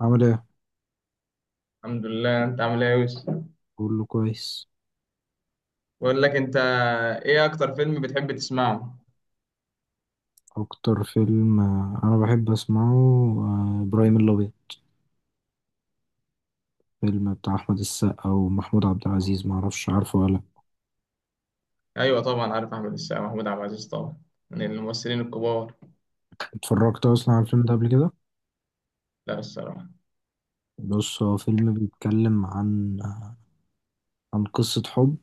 عامل ايه؟ الحمد لله. انت عامل ايه يا يوسف؟ كله كويس. بقول لك، انت ايه اكتر فيلم بتحب تسمعه؟ اكتر فيلم انا بحب اسمعه، ابراهيم الابيض. فيلم بتاع احمد السقا ومحمود عبد العزيز، ما اعرفش عارفه ولا لأ. ايوه، طبعا عارف احمد السقا، محمود عبد العزيز، طبعا من الممثلين الكبار. اتفرجت اصلا على الفيلم ده قبل كده؟ لا، الصراحه. بص، هو فيلم بيتكلم عن قصة حب،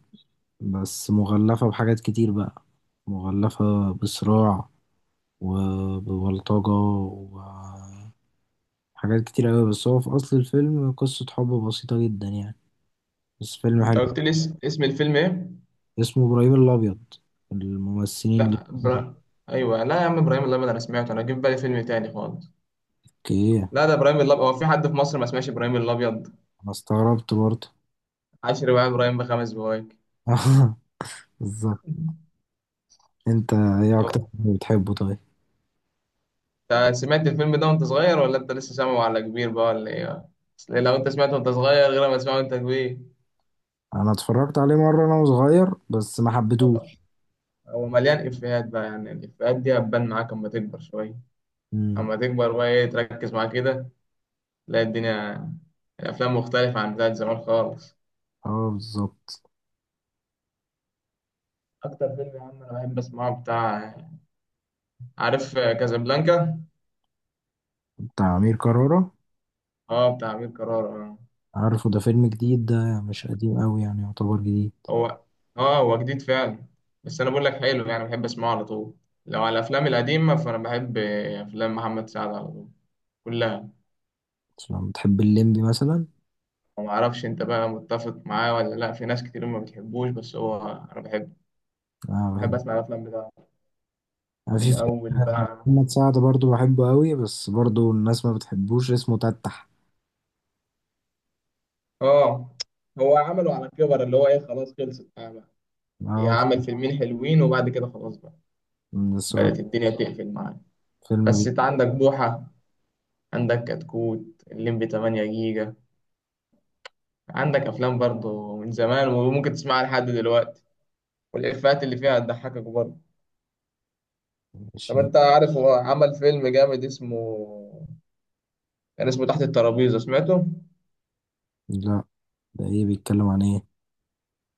بس مغلفة بحاجات كتير بقى، مغلفة بصراع وببلطجة وحاجات كتير قوي، بس هو في اصل الفيلم قصة حب بسيطة جدا يعني، بس فيلم انت حلو. قلت لي اسم الفيلم ايه؟ اسمه ابراهيم الابيض، الممثلين اللي لا، فيه. ايوه، لا يا عم ابراهيم الابيض، انا سمعته، انا جه في بالي فيلم تاني خالص. اوكي. لا، ده ابراهيم الابيض، هو في حد في مصر ما سمعش ابراهيم الابيض؟ انا استغربت برضه. عشر بقى ابراهيم بخمس بوايك. بالظبط. انت ايه اكتر طب فيلم بتحبه طيب؟ انت سمعت الفيلم ده وانت صغير ولا انت لسه سامعه على كبير بقى ولا ايه؟ أصل لو انت سمعته وانت صغير غير ما تسمعه وانت كبير. انا اتفرجت عليه مره وانا صغير بس ما حبيتهوش. هو مليان إفيهات بقى، يعني الإفيهات دي هتبان معاك أما تكبر شوية. امم. أما تكبر بقى إيه تركز معاه كده تلاقي الدنيا، الأفلام مختلفة عن بتاعت زمان خالص. اه، بالظبط. أكتر فيلم يا عم أنا بحب أسمعه بتاع، عارف كازابلانكا؟ بتاع امير كرارة. أه، بتاع أمير كرارة آه. عارفه، ده فيلم جديد، ده مش قديم قوي يعني، يعتبر جديد. هو هو جديد فعلا. بس أنا بقول لك حلو، يعني بحب أسمعه على طول. لو على الأفلام القديمة، فأنا بحب أفلام محمد سعد على طول، كلها. لما بتحب الليمبي مثلا؟ ومعرفش أنت بقى متفق معاه ولا لأ، في ناس كتير ما بتحبوش، بس هو أنا بحبه. اه، بحب بحب. أسمع الأفلام بتاعته. انا في من اول فيلم بقى. محمد سعد برضه بحبه قوي، بس برضه الناس ما بتحبوش، اسمه تتح. اه، هو عمله على كبر، اللي هو ايه، خلاص خلصت بقى بقى. هي اه. عمل فيلمين حلوين وبعد كده خلاص بقى. من السؤال. بدأت الدنيا تقفل معاه. فيلم بس بي انت عندك بوحة، عندك كتكوت الليمبي 8 جيجا، عندك افلام برضه من زمان وممكن تسمعها لحد دلوقتي، والافيهات اللي فيها هتضحكك برضه. طب ماشي. انت عارف هو عمل فيلم جامد كان اسمه تحت الترابيزة، سمعته؟ لا. ده ايه، بيتكلم عن ايه؟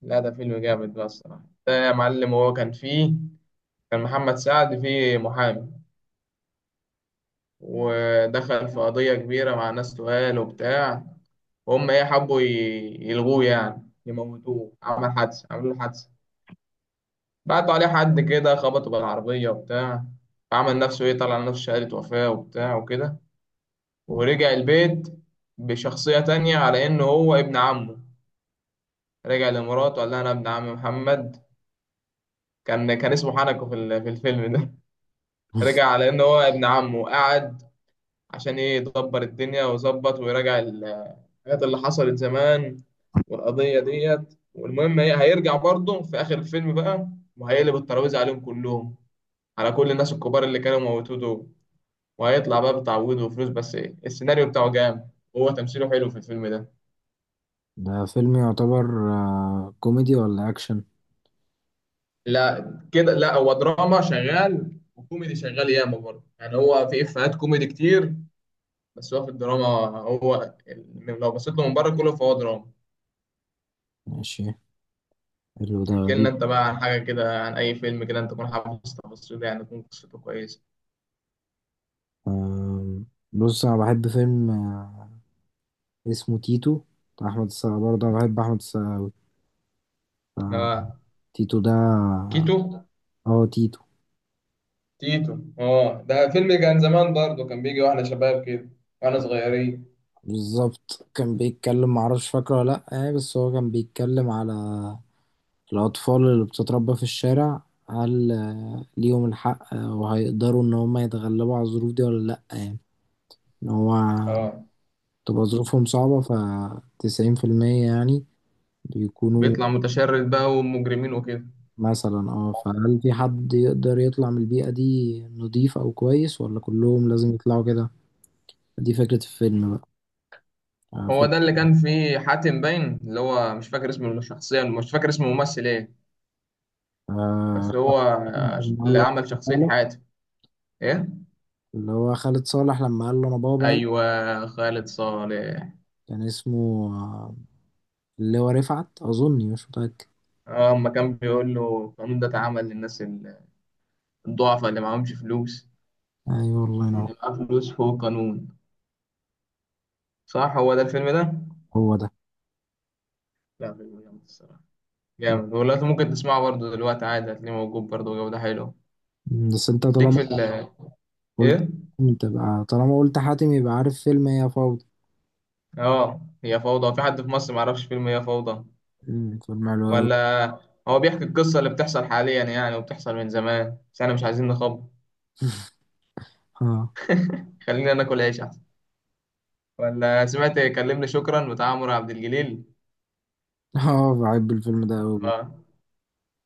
لا، ده فيلم جامد بقى الصراحة، ده يا معلم. هو كان فيه، كان محمد سعد فيه محامي، ودخل في قضية كبيرة مع ناس تقال وبتاع، وهم إيه حبوا يلغوه، يعني يموتوه. عملوا له حادثة، بعتوا عليه حد كده خبطه بالعربية وبتاع. عمل نفسه إيه طلع نفسه شهادة وفاة وبتاع وكده، ورجع البيت بشخصية تانية على إنه هو ابن عمه. رجع لمراته قال لها أنا ابن عم محمد. كان اسمه حنكو في الفيلم ده. رجع على إنه هو ابن عمه وقعد عشان إيه يدبر الدنيا ويظبط ويراجع الحاجات اللي حصلت زمان والقضية ديت. والمهم، هي هيرجع برضه في آخر الفيلم بقى، وهيقلب الترابيزة عليهم كلهم، على كل الناس الكبار اللي كانوا موتوه دول، وهيطلع بقى بتعويض وفلوس. بس إيه، السيناريو بتاعه جامد وهو تمثيله حلو في الفيلم ده. ده فيلم يعتبر كوميدي ولا اكشن؟ لا كده، لا، هو دراما شغال وكوميدي شغال ياما برضه. يعني هو في إفيهات كوميدي كتير، بس هو في الدراما. هو لو بصيت له من بره كله فهو دراما. ماشي. حلو، ده احكي لنا غريب. انت بقى عن حاجة كده، عن أي فيلم كده انت تكون حافظ تفاصيله، يعني تكون قصته كويسة. آم، بص انا بحب فيلم اسمه تيتو. بتاع احمد السقا، برضه انا بحب احمد السقا. آه، اه، تيتو ده. اه. كيتو، تيتو. تيتو. اه، ده فيلم كان زمان برضه، كان بيجي واحنا شباب كده، واحنا صغيرين. بالظبط، كان بيتكلم معرفش فاكره ولا لأ يعني، بس هو كان بيتكلم على الأطفال اللي بتتربى في الشارع. هل ليهم الحق وهيقدروا إن هما يتغلبوا على الظروف دي ولا لأ يعني، إن هو اه، تبقى ظروفهم صعبة، فتسعين في المية يعني بيكونوا. بيطلع متشرد بقى ومجرمين وكده. مثلا اه، فهل في حد يقدر يطلع من البيئة دي نضيف أو كويس، ولا كلهم لازم يطلعوا كده؟ دي فكرة الفيلم بقى. آه هو فيلم ده اللي كان فيه حاتم، باين اللي هو مش فاكر اسم الشخصية، مش فاكر اسم الممثل ايه. آه بس هو لما قال اللي له عمل شخصية تعالى، حاتم. ايه؟ اللي هو خالد صالح، لما قال له أنا بابا قال ايوه، خالد صالح. كان اسمه اللي هو رفعت، أظني مش متأكد. اه، اما كان بيقول له القانون ده اتعمل للناس الضعفاء اللي معهمش فلوس، أيوة والله ينور. اللي معاه فلوس فوق قانون. صح، هو ده الفيلم ده. هو ده. لا، فيلم جامد الصراحة، جامد والله. ممكن تسمعه برضه دلوقتي عادي، هتلاقيه موجود برضه جودة حلوة. بس أنت ليك طالما في ال قلت ايه؟ تبقى طالما قلت حاتم، يبقى عارف فيلم هي فوضى. اه، هي فوضى، في حد في مصر معرفش فيلم هي فوضى؟ مم، فيلم حلو أوي. ولا، هو بيحكي القصة اللي بتحصل حاليا يعني، وبتحصل من زمان، بس احنا مش عايزين نخبط. اه. خلينا ناكل عيش احسن. ولا سمعت كلمني شكرا بتاع عمرو عبد الجليل؟ اه بحب الفيلم ده أوي برضه. اه.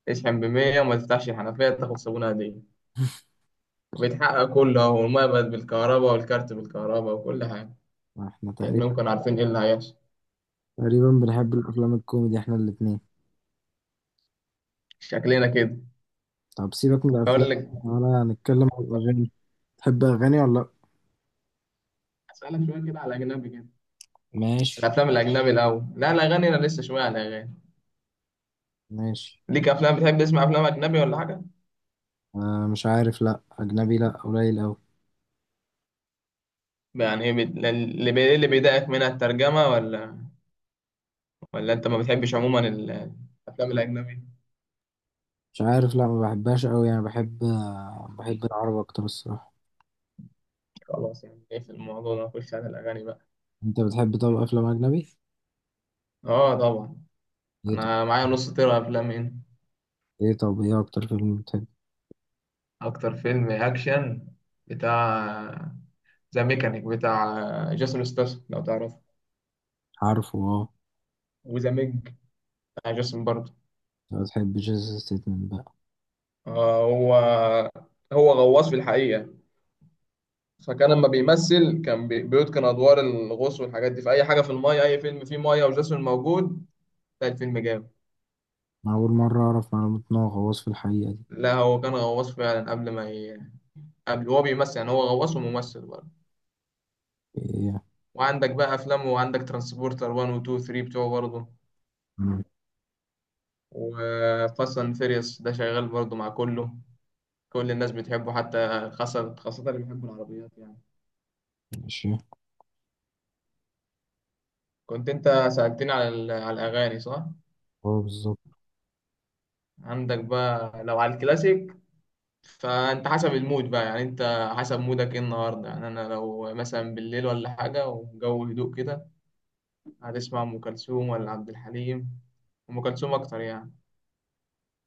اشحن بمية وما تفتحش الحنفية، تاخد صابونة هدية. بيتحقق كله اهو، والمية بقت بالكهرباء والكارت بالكهرباء وكل حاجة. احنا تقريبا كأنهم كانوا عارفين ايه اللي هيحصل. تقريبا بنحب الأفلام الكوميدي احنا الاتنين. شكلنا كده. طب سيبك من الأفلام، بقول لك، ولا هنتكلم عن الأغاني؟ تحب أغاني ولا لأ؟ اسالك شويه كده على الاجنبي كده. ماشي. الافلام الاجنبي الاول، لا، الاغاني، انا لسه شويه على الاغاني. ماشي. ليك افلام بتحب تسمع افلام اجنبي ولا حاجه؟ مش عارف، لأ أجنبي لأ، قليل أوي. يعني إيه اللي بيضايقك منها، الترجمه؟ ولا، ولا انت ما بتحبش عموما الافلام الاجنبي؟ مش عارف، لأ ما بحبهاش أوي يعني، بحب العربي أكتر الصراحة. خلاص، يعني ايه في الموضوع ده، نخش على الاغاني بقى. أنت بتحب طب أفلام أجنبي؟ اه، طبعا. إيه طب. انا معايا نص طيره افلام هنا. إيه طب، إيه أكتر فيلم بتحب؟ اكتر فيلم اكشن بتاع ذا ميكانيك بتاع جيسون ستاثام لو تعرفه. عارفه أه. وذا ميج بتاع جيسون برضه. أنت بتحب جيسس ستيتمنت بقى؟ آه هو هو غواص في الحقيقه. فكان لما بيمثل كان بيتقن ادوار الغوص والحاجات دي، في اي حاجه في المايه، اي فيلم فيه مايه وجاسون موجود تلاقي الفيلم جامد. أنا أول مرة أعرف معلومة إن هو غواص في الحقيقة دي. لا، هو كان غواص فعلا قبل ما ي... قبل هو بيمثل، يعني هو غواص وممثل برضه. إيه وعندك بقى افلامه، وعندك ترانسبورتر 1 و 2 و 3 بتوعه برضه. يعني؟ وفاست اند فيريوس ده شغال برضه مع كله، كل الناس بتحبه، حتى خاصة خاصة اللي بيحبوا العربيات يعني. ماشي. كنت انت سألتني على الاغاني، صح؟ هو بالظبط. عندك بقى لو على الكلاسيك، فانت حسب المود بقى، يعني انت حسب مودك ايه النهارده. يعني انا لو مثلا بالليل ولا حاجه والجو هدوء كده، هتسمع ام كلثوم ولا عبد الحليم؟ ام كلثوم اكتر يعني.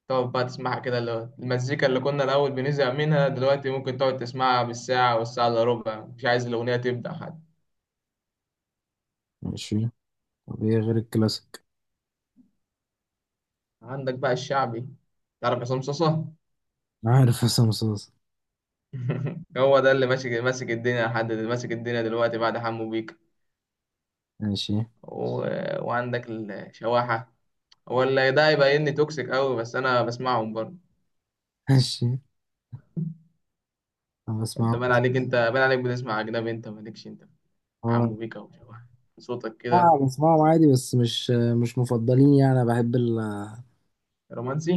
تقعد بقى تسمعها كده، اللي هو المزيكا اللي كنا الاول بنزهق منها دلوقتي ممكن تقعد تسمعها بالساعه والساعه الا ربع، مش عايز الاغنيه تبدا حتى. ماشي، طب ايه غير الكلاسيك؟ عندك بقى الشعبي، تعرف عصام صاصا؟ عارف حسام صوص. هو ده اللي ماسك ماسك الدنيا ماسك الدنيا دلوقتي بعد حمو بيك. ماشي. و... وعندك الشواحه، ولا ده هيبقى اني توكسيك قوي، بس انا بسمعهم برضه. ماشي، انا انت بسمعهم. بان عليك، بتسمع اجنبي، انت مالكش انت. هو عمو بيكا وشبح، صوتك كده اه، بسمعهم عادي، بس مش مفضلين يعني. انا بحب ال رومانسي.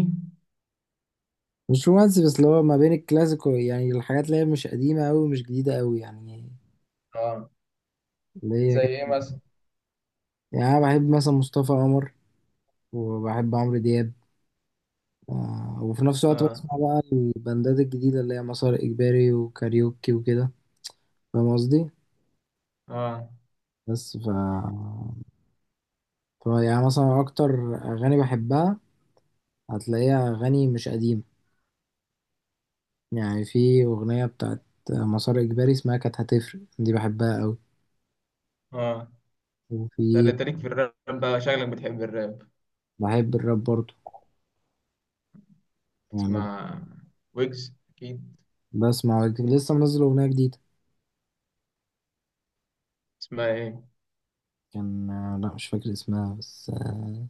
مش رومانسي، بس اللي هو ما بين الكلاسيك يعني الحاجات اللي هي مش قديمة أوي ومش جديدة أوي يعني، اه، اللي هي زي ايه كده. مثلا؟ يعني أنا بحب مثلا مصطفى قمر، وبحب عمرو دياب. وفي نفس الوقت اه، بسمع بقى البندات الجديدة اللي هي مسار إجباري وكاريوكي وكده. فاهم قصدي؟ اه، بس ف طب يعني مثلا أكتر أغاني بحبها هتلاقيها أغاني مش قديمة. يعني في أغنية بتاعت مسار إجباري اسمها كانت هتفرق، دي بحبها أوي. اه، ده وفي اللي تاريخ في الراب بقى، شكلك بتحب الراب. بحب الراب برضه يعني. تسمع ويجز اكيد. بسمع لسه منزل أغنية جديدة. اسمها ايه؟ كان لا مش فاكر اسمها، بس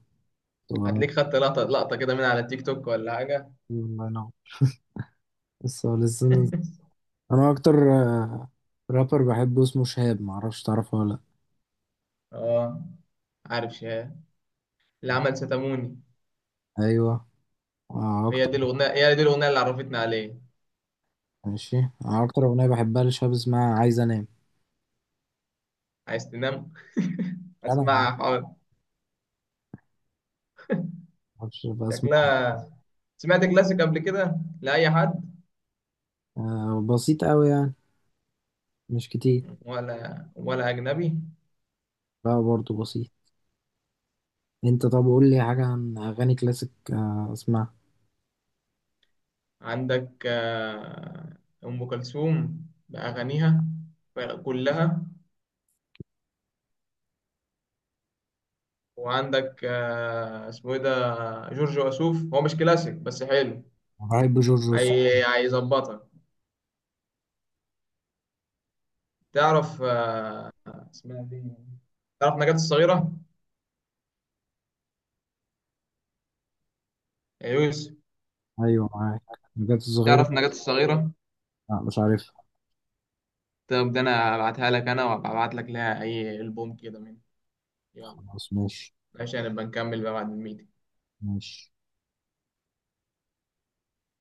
هتلاقيك أغنية. خدت لقطة لقطة كده من على التيك توك ولا حاجة. الله ينور، لسه لسه نازل. أنا أكتر آه، رابر بحبه اسمه شهاب، معرفش تعرفه ولا. اه، عارف شاه اللي عمل ستاموني. لأ أيوه. هي أكتر. دي الاغنية هي دي الاغنية اللي عرفتني عليه. ماشي، أنا أكتر أغنية بحبها لشهاب اسمها عايز عايز تنام، أنام. اسمعها، حاضر. معرفش بسمع. شكلها. سمعت كلاسيك قبل كده لأي حد آه بسيط قوي يعني، مش كتير. ولا أجنبي؟ لا برضه بسيط. انت طب قول لي حاجة عن أغاني كلاسيك اسمعها. عندك أم كلثوم بأغانيها كلها. وعندك اسمه إيه ده، جورج وسوف، هو مش كلاسيك بس حلو. بحب جورج وسوف. هيظبطك. تعرف اسمها إيه دي، تعرف نجاة الصغيرة يا يوسف، أيوه معاك، الحاجات الصغيرة. تعرف نجاة الصغيرة؟ لا مش عارفها. طب ده أنا هبعتها لك، أنا وهبعت لك لها أي ألبوم كده من، يلا، خلاص، ماشي عشان نبقى نكمل بقى بعد الميت. ماشي.